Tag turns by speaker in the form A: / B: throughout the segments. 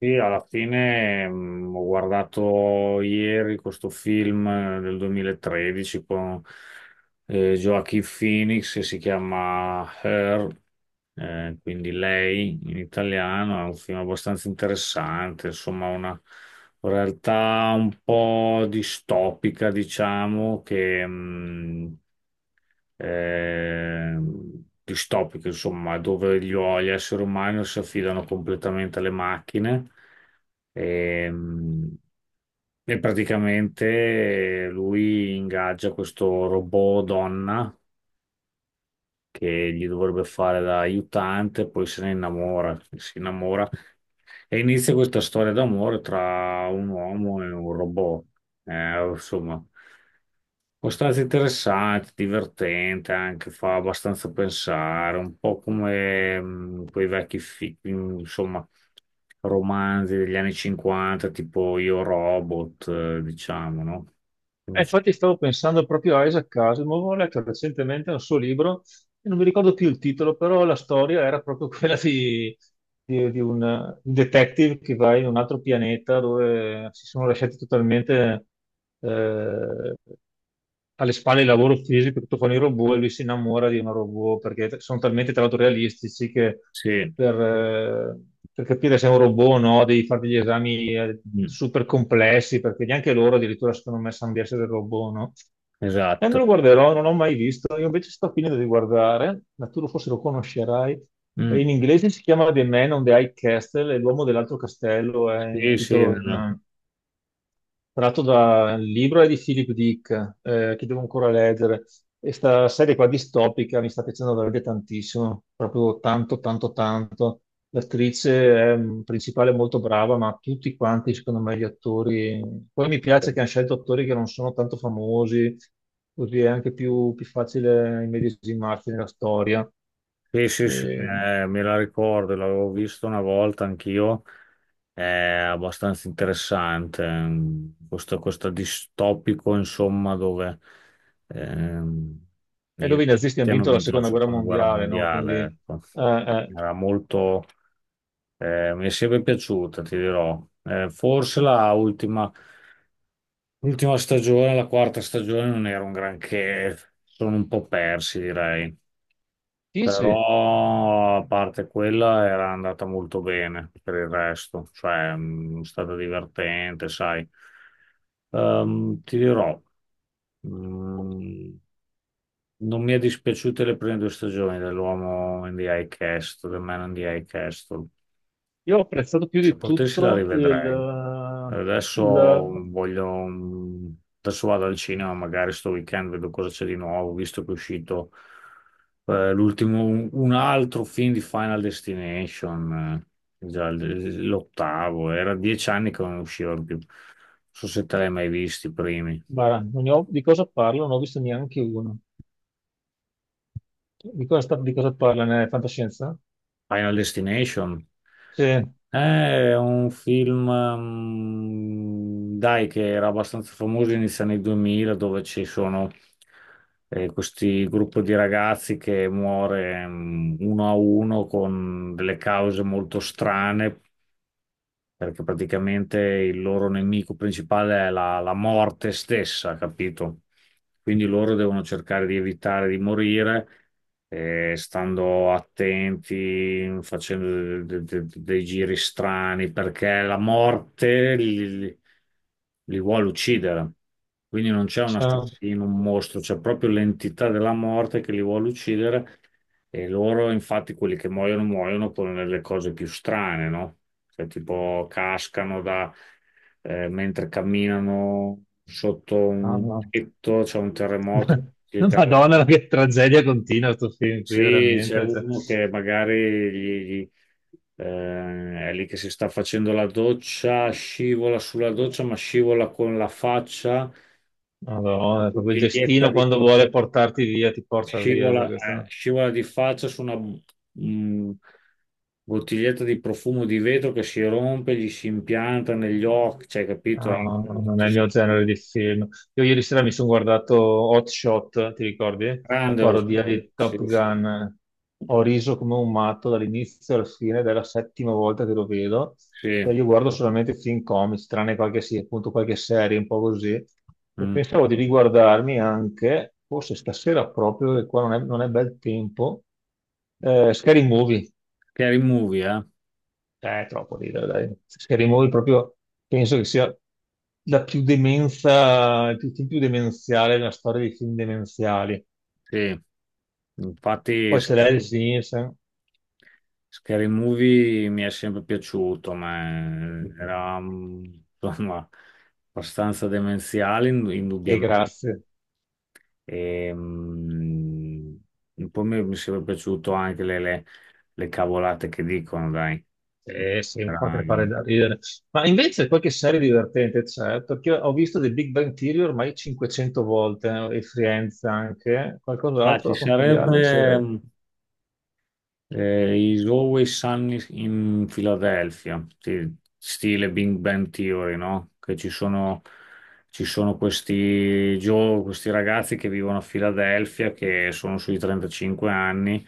A: Sì, alla fine ho guardato ieri questo film del 2013 con Joaquin Phoenix che si chiama Her, quindi Lei in italiano, è un film abbastanza interessante, insomma una realtà un po' distopica, diciamo, che distopiche, insomma, dove gli esseri umani si affidano completamente alle macchine ehm, e praticamente lui ingaggia questo robot donna che gli dovrebbe fare da aiutante, poi se ne innamora, si innamora e inizia questa storia d'amore tra un uomo e un robot. Insomma. Può stare interessante, divertente, anche fa abbastanza pensare, un po' come quei vecchi insomma, romanzi degli anni 50, tipo Io Robot, diciamo, no? Quindi,
B: Infatti stavo pensando proprio a Isaac Asimov, ho letto recentemente un suo libro non mi ricordo più il titolo, però la storia era proprio quella di, di un detective che va in un altro pianeta dove si sono lasciati totalmente eh, alle spalle il lavoro fisico, tutto fanno i robot e lui si innamora di una robot perché sono talmente tra l'altro realistici che
A: sì,
B: per, eh, per capire se è un robot o no devi fare degli esami
A: mm,
B: super complessi perché neanche loro addirittura secondo me sanno di essere robot, no? E me
A: esatto.
B: lo guarderò, non l'ho mai visto. Io invece sto finendo di guardare, ma forse lo conoscerai. E
A: Mm,
B: in inglese si chiama The Man on the High Castle, e l'uomo dell'altro castello è in
A: sì, sì.
B: titolo in, tratto dal libro è di Philip Dick, che devo ancora leggere. E sta serie qua distopica mi sta piacendo veramente tantissimo, proprio tanto, tanto, tanto. L'attrice è, principale è molto brava, ma tutti quanti, secondo me, gli attori. Poi mi piace che hanno scelto attori che non sono tanto famosi, così è anche più facile immedesimarsi nella storia.
A: Sì, sì, sì,
B: E,
A: me la ricordo, l'avevo visto una volta anch'io, è abbastanza interessante, questo distopico, insomma, dove ehm,
B: e
A: i
B: dove i nazisti
A: nazisti
B: hanno
A: hanno
B: vinto la
A: vinto la
B: seconda guerra
A: seconda guerra
B: mondiale, no? Quindi,
A: mondiale,
B: eh,
A: ecco.
B: eh,
A: Era molto, mi è sempre piaciuta, ti dirò. Forse l'ultima stagione, la quarta stagione, non era un granché, sono un po' persi, direi.
B: sì,
A: Però
B: sì.
A: a parte quella era andata molto bene per il resto, cioè è stata divertente, sai. Ti dirò, mh, non mi è dispiaciute le prime due stagioni dell'uomo in the High Castle, del Man in the High Castle.
B: Io ho apprezzato più
A: Se
B: di
A: potessi la
B: tutto
A: rivedrei.
B: il...
A: Adesso
B: il-
A: voglio, mm, adesso vado al cinema, magari sto weekend vedo cosa c'è di nuovo, visto che è uscito l'ultimo, un altro film di Final Destination, già l'ottavo, era 10 anni che non usciva più. Non so se te l'hai mai visti i primi.
B: guarda, non ne ho- di cosa parlo? Non ho visto neanche uno. Di cosa, di cosa parla? Nella fantascienza?
A: Final Destination?
B: Sì.
A: È un film, dai, che era abbastanza famoso inizio anni 2000, dove ci sono questi gruppo di ragazzi che muore uno a uno con delle cause molto strane, perché praticamente il loro nemico principale è la morte stessa, capito? Quindi loro devono cercare di evitare di morire, stando attenti, facendo dei giri strani, perché la morte li vuole uccidere. Quindi non c'è un
B: sa-
A: assassino, un mostro, c'è proprio l'entità della morte che li vuole uccidere e loro, infatti, quelli che muoiono, muoiono con le cose più strane, no? Cioè, tipo, cascano da, mentre camminano sotto
B: ah,
A: un
B: no.
A: tetto, c'è un terremoto. gli cade-
B: Madonna, che tragedia continua questo film qui,
A: Sì, c'è
B: veramente. Cioè,
A: uno che magari è lì che si sta facendo la doccia, scivola sulla doccia, ma scivola con la faccia,
B: Madonna, proprio il
A: una
B: destino quando vuole portarti via, ti porta via. Cioè, questo.
A: Scivola di faccia su una bottiglietta di profumo di vetro che si rompe, gli si impianta negli occhi, cioè, capito? Eh,
B: No, no, non è
A: tutto
B: il
A: s-
B: mio genere di film. Io ieri sera mi sono guardato Hot Shot, ti ricordi? La
A: grande
B: parodia
A: Osborne.
B: di
A: Sì,
B: Top
A: sì,
B: Gun. Ho riso come un matto dall'inizio alla fine, ed è la settima volta che lo vedo. E
A: sì.
B: io guardo solamente film comics, tranne qualche, sì, appunto, qualche serie, un po' così. E
A: Mm.
B: pensavo di riguardarmi anche, forse stasera proprio, che qua non è bel tempo, Scary Movie.
A: Scary Movie, eh?
B: Cioè, è troppo ridere, dai. Scary Movie proprio penso che sia la più demenza, il film più demenziale nella storia dei film demenziali.
A: Sì. Infatti,
B: Poi c'è Leslie Nielsen
A: Scary Movie mi è sempre piaciuto, ma era, insomma, abbastanza demenziale,
B: e
A: indubbiamente.
B: grazie.
A: E, mm, poi mi sarebbe piaciuto anche le cavolate che dicono, dai.
B: Sì, sì, mi fa crepare
A: Dai.
B: da ridere. Ma invece qualche serie divertente c'è, perché ho visto The Big Bang Theory ormai 500 volte, e Friends anche.
A: Ah,
B: Qualcos'altro
A: ci
B: da consigliarmi c'è?
A: sarebbe
B: È
A: Is Always Sunny in Philadelphia, sì, stile Big Bang Theory, no? Che ci sono questi, questi ragazzi che vivono a Filadelfia, che sono sui 35 anni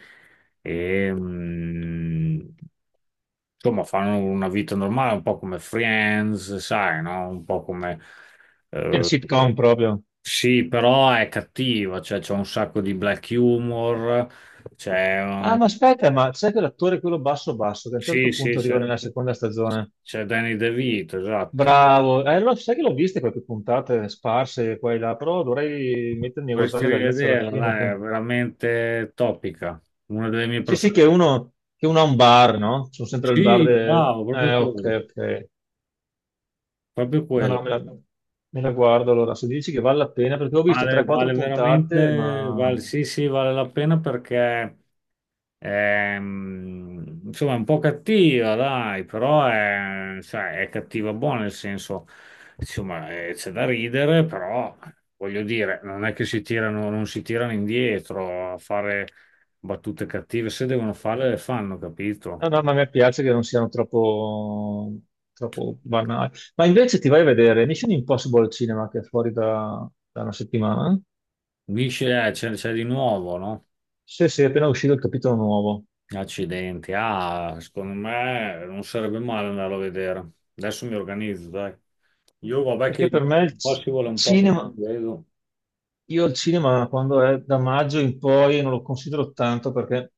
A: e insomma, fanno una vita normale, un po' come Friends, sai, no? Un po' come,
B: una
A: eh,
B: sitcom proprio.
A: sì, però è cattiva, cioè c'è un sacco di black humor. c'è...
B: Ah,
A: un-
B: ma aspetta, ma c'è quell'attore, quello basso basso, che a un certo
A: Sì, sì,
B: punto arriva
A: c'è
B: nella seconda stagione.
A: c'è Danny DeVito, esatto.
B: Bravo, sai che l'ho viste quelle puntate sparse qua e là, però dovrei mettermi a
A: Vorresti
B: guardarle dall'inizio alla
A: rivederla,
B: fine.
A: dai, è veramente topica, una delle mie
B: Sì, sì,
A: preferite.
B: che uno ha un bar, no? Sono sempre
A: Sì, bravo, proprio quello,
B: Ok, ok.
A: proprio
B: No, no,
A: quello.
B: me la guardo allora. Se dici che vale la pena, perché ho visto
A: Vale,
B: 3-4
A: vale
B: puntate,
A: veramente,
B: ma...
A: vale, sì, sì, vale la pena perché. Insomma, è un po' cattiva, dai, però è, sai, è cattiva buona, nel senso, insomma, c'è da ridere, però voglio dire, non è che si tirano, non si tirano indietro a fare battute cattive, se devono farle le fanno, capito?
B: No, no, ma a me piace che non siano troppo, troppo banali. Ma invece ti vai a vedere Mission Impossible al cinema, che è fuori da una settimana?
A: Dici, c'è di nuovo, no?
B: Sì, sì, è appena uscito il capitolo nuovo.
A: Accidenti, ah, secondo me non sarebbe male andarlo a vedere. Adesso mi organizzo, dai. Io vabbè che
B: Perché per me il
A: un po'
B: c-
A: si vuole un po' così,
B: Cinema,
A: vedo.
B: io il cinema quando è da maggio in poi non lo considero tanto perché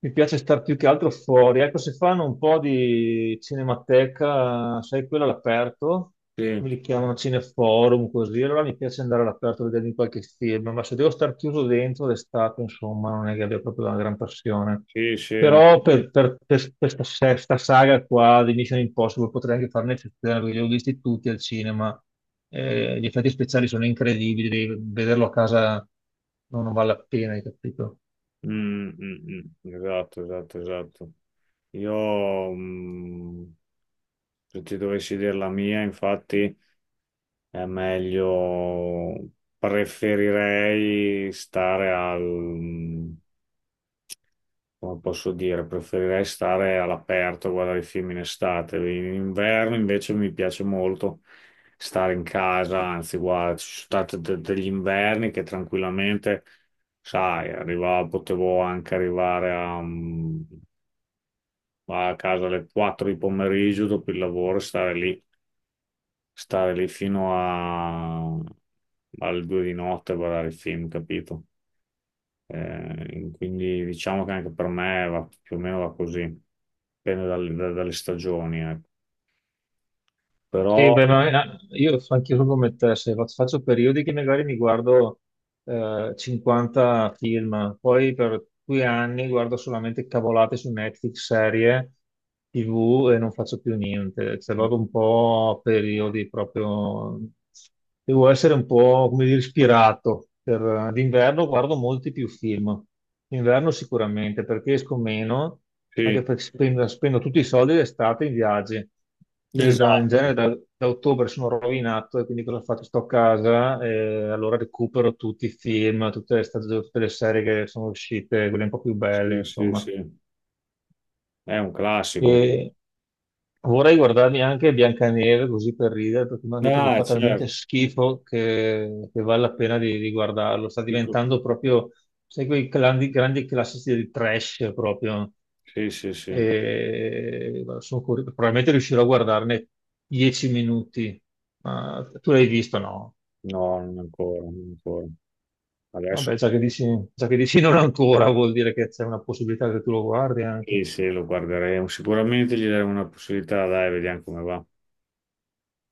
B: mi piace star più che altro fuori. Ecco, se fanno un po' di cinemateca, sai, quella all'aperto, me
A: Sì.
B: li chiamano cineforum così, allora mi piace andare all'aperto a vedermi qualche film, ma se devo star chiuso dentro d'estate, insomma, non è che abbia proprio una gran passione.
A: Sì, sì, no.
B: Però per questa sesta saga qua di Mission Impossible potrei anche fare un'eccezione, perché li ho visti tutti al cinema. Gli effetti speciali sono incredibili, devi vederlo a casa non vale la pena, hai capito?
A: Mm, mm, mm. Esatto, esatto, esatto. Io, se ti dovessi dire la mia, infatti, è meglio, preferirei stare al, come posso dire, preferirei stare all'aperto, a guardare i film in estate. In inverno invece mi piace molto stare in casa, anzi, guarda, ci sono stati degli inverni che tranquillamente, sai, potevo anche arrivare a casa alle 4 di pomeriggio dopo il lavoro, e stare lì alle 2 di notte a guardare i film, capito? Quindi diciamo che anche per me va, più o meno va così, dipende dalle stagioni, ecco. Però
B: Sì, beh, io anch'io sono come te, se faccio periodi che magari mi guardo 50 film, poi per due anni guardo solamente cavolate su Netflix, serie, TV e non faccio più niente. Cioè, vado un po' a periodi proprio... Devo essere un po', come dire, ispirato. Per... D'inverno guardo molti più film, d'inverno sicuramente, perché esco meno,
A: sì,
B: anche perché spendo tutti i soldi d'estate in viaggi. Quindi
A: esatto,
B: da ottobre sono rovinato e quindi cosa ho fatto? Sto a casa e allora recupero tutti i film, tutte le, stagioni, tutte le serie che sono uscite, quelle un po' più belle,
A: sì, sì,
B: insomma.
A: sì, è un classico.
B: E vorrei guardarmi anche Biancaneve così per ridere, perché mi hanno detto che
A: Ah,
B: fa talmente
A: certo,
B: schifo che vale la pena di guardarlo. Sta
A: dico-
B: diventando proprio, sai, quei grandi, grandi classici del trash proprio
A: sì, sì, sì, no,
B: e guarda, sono curioso, probabilmente riuscirò a guardarne 10 minuti. Ma tu l'hai visto, no?
A: non ancora, non ancora. Adesso
B: Vabbè, già che dici non ancora, vuol dire che c'è una possibilità che tu lo guardi anche.
A: sì, sì, lo guarderemo, sicuramente gli daremo una possibilità, dai, vediamo come va.